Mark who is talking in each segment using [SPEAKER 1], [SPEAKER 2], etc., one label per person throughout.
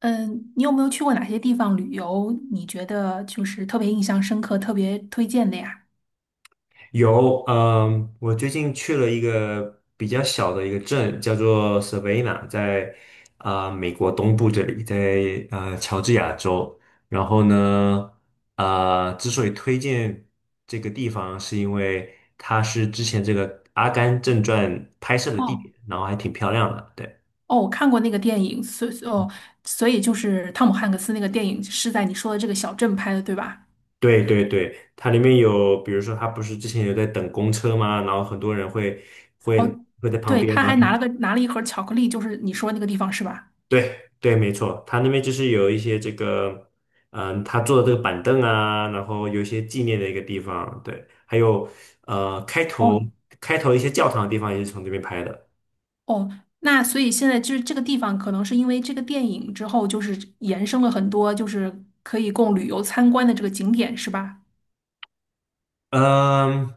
[SPEAKER 1] 嗯，你有没有去过哪些地方旅游？你觉得就是特别印象深刻、特别推荐的呀？
[SPEAKER 2] 有，我最近去了一个比较小的一个镇，叫做 Savannah，在美国东部这里，在乔治亚州。然后呢，之所以推荐这个地方，是因为它是之前这个《阿甘正传》拍摄的地
[SPEAKER 1] 哦
[SPEAKER 2] 点，然后还挺漂亮的。对，
[SPEAKER 1] 哦，我看过那个电影，所以就是汤姆汉克斯那个电影是在你说的这个小镇拍的，对吧？
[SPEAKER 2] 对对对，它里面有，比如说，它不是之前有在等公车吗？然后很多人会
[SPEAKER 1] 哦，
[SPEAKER 2] 会在旁
[SPEAKER 1] 对，
[SPEAKER 2] 边，
[SPEAKER 1] 他
[SPEAKER 2] 然
[SPEAKER 1] 还
[SPEAKER 2] 后。
[SPEAKER 1] 拿了一盒巧克力，就是你说那个地方是吧？
[SPEAKER 2] 对对，没错，他那边就是有一些这个，他坐的这个板凳啊，然后有一些纪念的一个地方，对，还有呃，开头
[SPEAKER 1] 哦
[SPEAKER 2] 开头一些教堂的地方也是从这边拍的。
[SPEAKER 1] 哦，那所以现在就是这个地方，可能是因为这个电影之后，就是延伸了很多，就是可以供旅游参观的这个景点，是吧？
[SPEAKER 2] 嗯，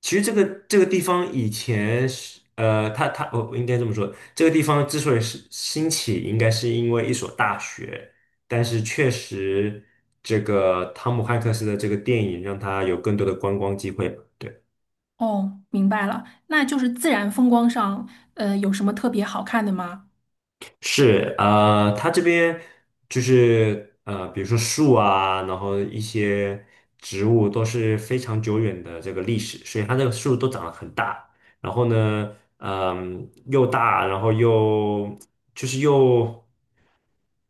[SPEAKER 2] 其实这个地方以前是他他我我应该这么说，这个地方之所以是兴起，应该是因为一所大学，但是确实这个汤姆汉克斯的这个电影让他有更多的观光机会吧。对。
[SPEAKER 1] 哦，明白了，那就是自然风光上，有什么特别好看的吗？
[SPEAKER 2] 是，它这边就是比如说树啊，然后一些植物都是非常久远的这个历史，所以它这个树都长得很大，然后呢，又大，然后就是又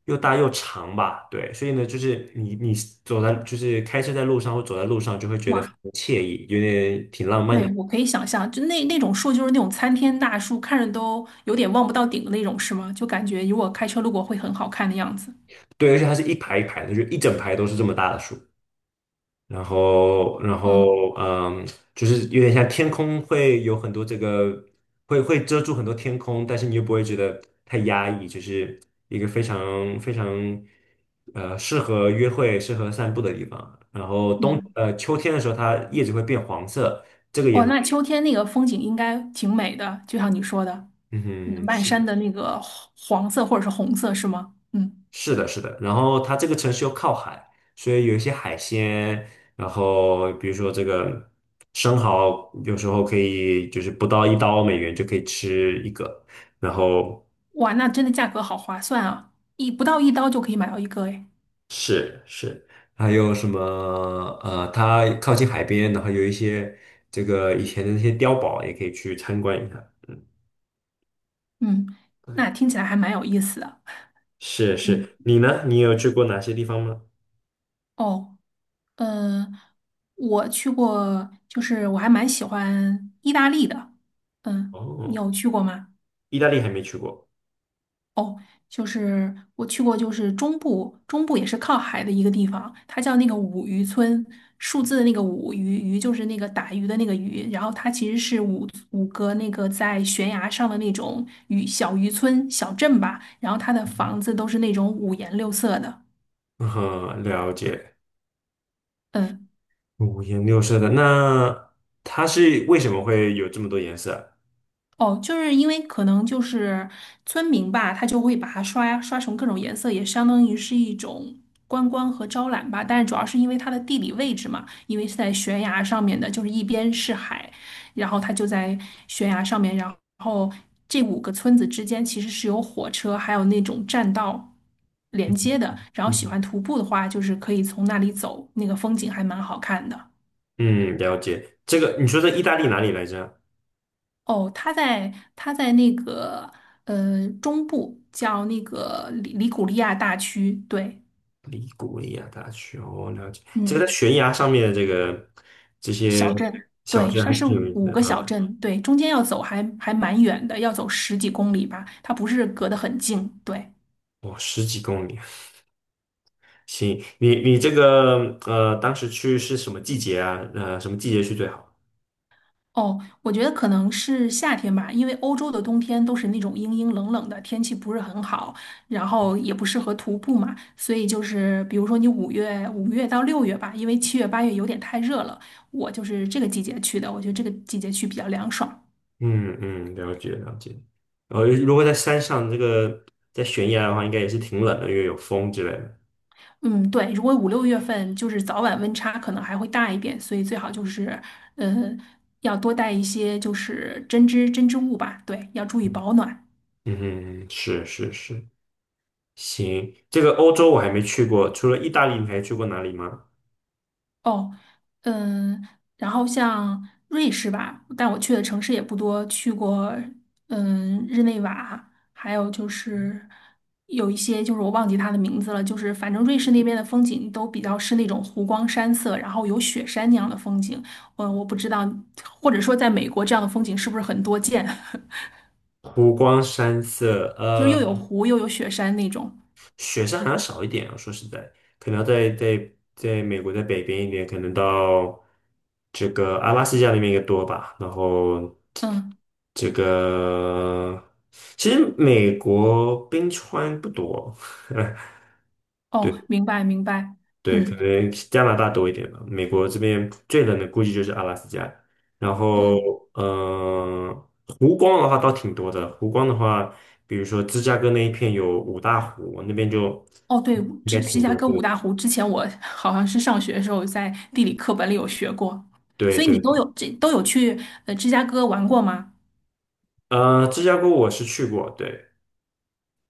[SPEAKER 2] 又大又长吧，对，所以呢，就是你走在就是开车在路上或走在路上，就会觉得非
[SPEAKER 1] 哇，
[SPEAKER 2] 常惬意，有点挺浪漫
[SPEAKER 1] 对，
[SPEAKER 2] 的，
[SPEAKER 1] 我可以想象，就那种树，就是那种参天大树，看着都有点望不到顶的那种，是吗？就感觉如果开车路过会很好看的样子。
[SPEAKER 2] 对，而且它是一排一排的，就一整排都是这么大的树。然后，然
[SPEAKER 1] 嗯
[SPEAKER 2] 后，嗯，就是有点像天空会有很多这个，会遮住很多天空，但是你又不会觉得太压抑，就是一个非常非常，适合约会、适合散步的地方。然后
[SPEAKER 1] 嗯，
[SPEAKER 2] 秋天的时候，它叶子会变黄色。
[SPEAKER 1] 哇，那秋天那个风景应该挺美的，就像你说的。
[SPEAKER 2] 嗯
[SPEAKER 1] 嗯，
[SPEAKER 2] 哼，
[SPEAKER 1] 漫山
[SPEAKER 2] 是。
[SPEAKER 1] 的那个黄色或者是红色，是吗？嗯，
[SPEAKER 2] 是的，是的。然后它这个城市又靠海，所以有一些海鲜，然后比如说这个生蚝，有时候可以就是不到1刀美元就可以吃一个。然后
[SPEAKER 1] 哇，那真的价格好划算啊，不到一刀就可以买到一个，哎。
[SPEAKER 2] 是是，还有什么它靠近海边，然后有一些这个以前的那些碉堡也可以去参观一下。嗯，
[SPEAKER 1] 嗯，那听起来还蛮有意思的。
[SPEAKER 2] 是
[SPEAKER 1] 嗯，
[SPEAKER 2] 是。你呢？你有去过哪些地方吗？
[SPEAKER 1] 哦。嗯，我去过，就是我还蛮喜欢意大利的。嗯，你
[SPEAKER 2] 哦，
[SPEAKER 1] 有去过吗？
[SPEAKER 2] 意大利还没去过。
[SPEAKER 1] 哦，就是我去过，就是中部，中部也是靠海的一个地方，它叫那个五渔村，数字的那个五鱼，鱼就是那个打鱼的那个鱼，然后它其实是五个那个在悬崖上的那种小渔村小镇吧，然后它的房子都是那种五颜六色的。
[SPEAKER 2] 嗯哼，了解。
[SPEAKER 1] 嗯。
[SPEAKER 2] 五颜六色的，那它是为什么会有这么多颜色？
[SPEAKER 1] 哦，就是因为可能就是村民吧，他就会把它刷成各种颜色，也相当于是一种观光和招揽吧。但是主要是因为它的地理位置嘛，因为是在悬崖上面的，就是一边是海，然后它就在悬崖上面，然后这5个村子之间其实是有火车还有那种栈道连接的。然后
[SPEAKER 2] 嗯
[SPEAKER 1] 喜
[SPEAKER 2] 哼
[SPEAKER 1] 欢徒步的话，就是可以从那里走，那个风景还蛮好看的。
[SPEAKER 2] 嗯，了解。这个你说在意大利哪里来着啊？
[SPEAKER 1] 哦，它在它在那个，中部，叫那个里古利亚大区，对。
[SPEAKER 2] 利古里亚大学，哦，了解。这个在
[SPEAKER 1] 嗯，
[SPEAKER 2] 悬崖上面的这些
[SPEAKER 1] 小镇，
[SPEAKER 2] 小
[SPEAKER 1] 对，
[SPEAKER 2] 镇
[SPEAKER 1] 它
[SPEAKER 2] 还
[SPEAKER 1] 是
[SPEAKER 2] 挺有意思
[SPEAKER 1] 五
[SPEAKER 2] 的
[SPEAKER 1] 个小
[SPEAKER 2] 啊。
[SPEAKER 1] 镇，对，中间要走还蛮远的，要走十几公里吧，它不是隔得很近，对。
[SPEAKER 2] 哦，十几公里，行。你这个当时去是什么季节啊？什么季节去最好？
[SPEAKER 1] 哦，我觉得可能是夏天吧，因为欧洲的冬天都是那种阴阴冷冷的，天气不是很好，然后也不适合徒步嘛，所以就是比如说你五月到六月吧，因为7月8月有点太热了，我就是这个季节去的，我觉得这个季节去比较凉爽。
[SPEAKER 2] 嗯嗯，了解了解。然后如果在山上这个在悬崖的话，应该也是挺冷的，因为有风之类的。
[SPEAKER 1] 嗯，对，如果5、6月份就是早晚温差可能还会大一点，所以最好就是，呃，要多带一些就是针织物吧，对，要注意保暖。
[SPEAKER 2] 嗯哼，是是是，行，这个欧洲我还没去过，除了意大利，你还去过哪里吗？
[SPEAKER 1] 哦，嗯，然后像瑞士吧，但我去的城市也不多，去过嗯日内瓦，还有就是有一些就是我忘记它的名字了，就是反正瑞士那边的风景都比较是那种湖光山色，然后有雪山那样的风景。我不知道，或者说在美国这样的风景是不是很多见。
[SPEAKER 2] 湖光山色，
[SPEAKER 1] 就是又有湖又有雪山那种。
[SPEAKER 2] 雪山好像少一点啊，说实在，可能要在美国在北边一点，可能到这个阿拉斯加那边也多吧。然后
[SPEAKER 1] 嗯，
[SPEAKER 2] 这个，其实美国冰川不多，
[SPEAKER 1] 哦，
[SPEAKER 2] 对。
[SPEAKER 1] 明白明白。
[SPEAKER 2] 对，可
[SPEAKER 1] 嗯。
[SPEAKER 2] 能加拿大多一点吧。美国这边最冷的估计就是阿拉斯加，然后
[SPEAKER 1] 嗯。
[SPEAKER 2] 嗯，湖光的话倒挺多的。湖光的话，比如说芝加哥那一片有五大湖，那边就
[SPEAKER 1] 哦，对，
[SPEAKER 2] 应
[SPEAKER 1] 芝
[SPEAKER 2] 该
[SPEAKER 1] 芝
[SPEAKER 2] 挺
[SPEAKER 1] 加
[SPEAKER 2] 多
[SPEAKER 1] 哥五
[SPEAKER 2] 的。
[SPEAKER 1] 大湖，之前我 好像是上学的时候在地理课本里有学过，
[SPEAKER 2] 对
[SPEAKER 1] 所以你
[SPEAKER 2] 对，
[SPEAKER 1] 都
[SPEAKER 2] 对
[SPEAKER 1] 有去芝加哥玩过吗？
[SPEAKER 2] 芝加哥我是去过，对，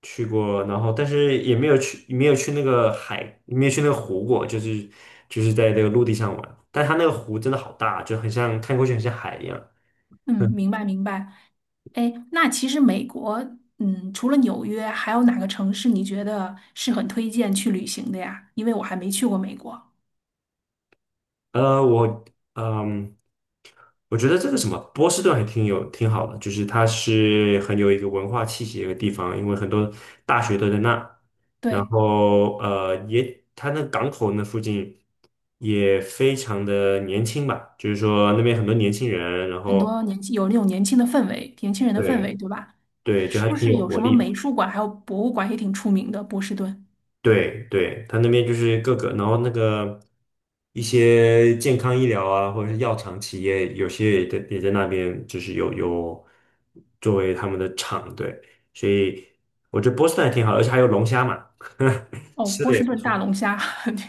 [SPEAKER 2] 去过，然后但是也没有去，没有去那个海，没有去那个湖过，就是在那个陆地上玩。但它那个湖真的好大，就很像看过去很像海一样。
[SPEAKER 1] 嗯，明白明白。哎，那其实美国，嗯，除了纽约，还有哪个城市你觉得是很推荐去旅行的呀？因为我还没去过美国。
[SPEAKER 2] 呃，我嗯，我觉得这个什么波士顿还挺好的，就是它是很有一个文化气息的一个地方，因为很多大学都在那，然
[SPEAKER 1] 对，
[SPEAKER 2] 后也它那港口那附近也非常的年轻吧，就是说那边很多年轻人，然
[SPEAKER 1] 很
[SPEAKER 2] 后
[SPEAKER 1] 多年轻有那种年轻的氛围，年轻人的氛
[SPEAKER 2] 对
[SPEAKER 1] 围，对吧？
[SPEAKER 2] 对，就
[SPEAKER 1] 是
[SPEAKER 2] 还
[SPEAKER 1] 不
[SPEAKER 2] 挺
[SPEAKER 1] 是
[SPEAKER 2] 有
[SPEAKER 1] 有
[SPEAKER 2] 活
[SPEAKER 1] 什么
[SPEAKER 2] 力的。
[SPEAKER 1] 美术馆还有博物馆也挺出名的？波士顿。
[SPEAKER 2] 对对，他那边就是各个，然后那个一些健康医疗啊，或者是药厂企业，有些也在那边，就是有作为他们的厂，对，所以我觉得波士顿还挺好的而且还有龙虾嘛，
[SPEAKER 1] 哦，
[SPEAKER 2] 吃
[SPEAKER 1] 波
[SPEAKER 2] 的也
[SPEAKER 1] 士
[SPEAKER 2] 不
[SPEAKER 1] 顿大
[SPEAKER 2] 错。
[SPEAKER 1] 龙虾。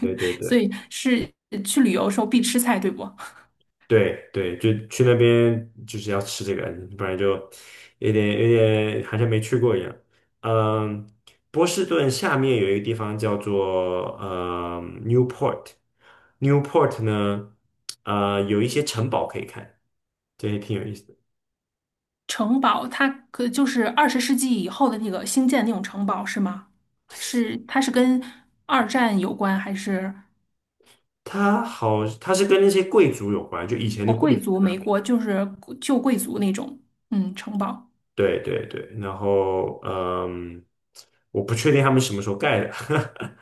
[SPEAKER 2] 对对
[SPEAKER 1] 所
[SPEAKER 2] 对。
[SPEAKER 1] 以是去旅游的时候必吃菜，对不？
[SPEAKER 2] 对对，就去那边就是要吃这个，不然就有点好像没去过一样。嗯，波士顿下面有一个地方叫做Newport，Newport 呢，有一些城堡可以看，这也挺有意思的。
[SPEAKER 1] 城堡它可就是20世纪以后的那个新建那种城堡是吗？是，它是跟二战有关，还是
[SPEAKER 2] 它是跟那些贵族有关，就以前的
[SPEAKER 1] 哦
[SPEAKER 2] 贵
[SPEAKER 1] 贵
[SPEAKER 2] 族
[SPEAKER 1] 族
[SPEAKER 2] 在那
[SPEAKER 1] 美
[SPEAKER 2] 边。
[SPEAKER 1] 国就是旧贵族那种嗯城堡？
[SPEAKER 2] 对对对，然后我不确定他们什么时候盖的，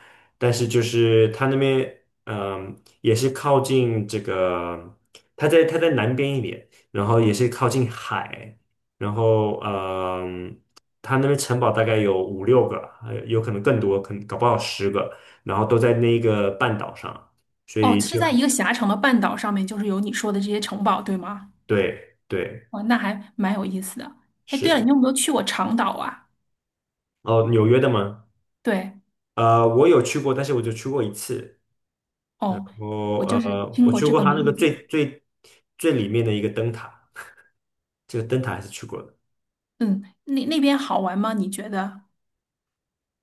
[SPEAKER 2] 但是就是他那边也是靠近这个，他在南边一点，然后也是靠近海，然后他那边城堡大概有五六个，还有可能更多，可能搞不好10个，然后都在那个半岛上，所
[SPEAKER 1] 哦，
[SPEAKER 2] 以
[SPEAKER 1] 是
[SPEAKER 2] 就
[SPEAKER 1] 在一个狭长的半岛上面，就是有你说的这些城堡，对吗？
[SPEAKER 2] 对对
[SPEAKER 1] 哦，那还蛮有意思的。哎，对了，
[SPEAKER 2] 是
[SPEAKER 1] 你有没有去过长岛啊？
[SPEAKER 2] 哦，纽约的吗？
[SPEAKER 1] 对，
[SPEAKER 2] 我有去过，但是我就去过一次。
[SPEAKER 1] 哦，我
[SPEAKER 2] 我
[SPEAKER 1] 就是听
[SPEAKER 2] 我
[SPEAKER 1] 过
[SPEAKER 2] 去
[SPEAKER 1] 这
[SPEAKER 2] 过
[SPEAKER 1] 个
[SPEAKER 2] 它那个
[SPEAKER 1] 名字。
[SPEAKER 2] 最里面的一个灯塔，这个灯塔还是去过的。
[SPEAKER 1] 嗯，那那边好玩吗？你觉得？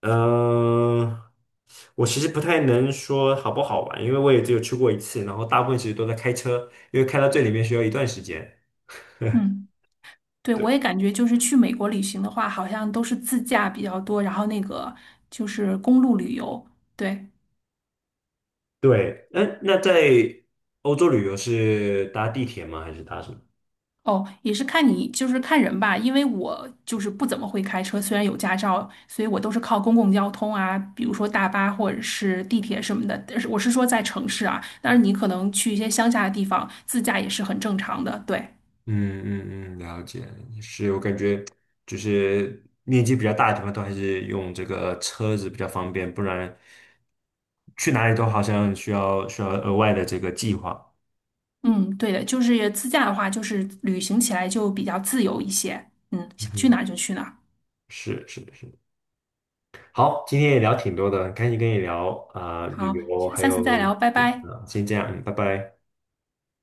[SPEAKER 2] 嗯、我其实不太能说好不好玩，因为我也只有去过一次，然后大部分其实都在开车，因为开到最里面需要一段时间。
[SPEAKER 1] 嗯。对，我
[SPEAKER 2] 对
[SPEAKER 1] 也感觉就是去美国旅行的话，好像都是自驾比较多，然后那个就是公路旅游。对。
[SPEAKER 2] 对，那在欧洲旅游是搭地铁吗？还是搭什么？
[SPEAKER 1] 哦，也是看你就是看人吧，因为我就是不怎么会开车，虽然有驾照，所以我都是靠公共交通啊，比如说大巴或者是地铁什么的。但是我是说在城市啊，但是你可能去一些乡下的地方自驾也是很正常的。对。
[SPEAKER 2] 嗯嗯嗯，了解，是我感觉就是面积比较大的地方都还是用这个车子比较方便，不然去哪里都好像需要额外的这个计划。
[SPEAKER 1] 嗯，对的，就是自驾的话，就是旅行起来就比较自由一些。嗯，想去
[SPEAKER 2] 嗯
[SPEAKER 1] 哪儿就去哪儿。
[SPEAKER 2] 是是是，好，今天也聊挺多的，很开心跟你聊啊、旅
[SPEAKER 1] 好，
[SPEAKER 2] 游，还
[SPEAKER 1] 下次再
[SPEAKER 2] 有
[SPEAKER 1] 聊，拜拜。
[SPEAKER 2] 啊，先这样，嗯，拜拜。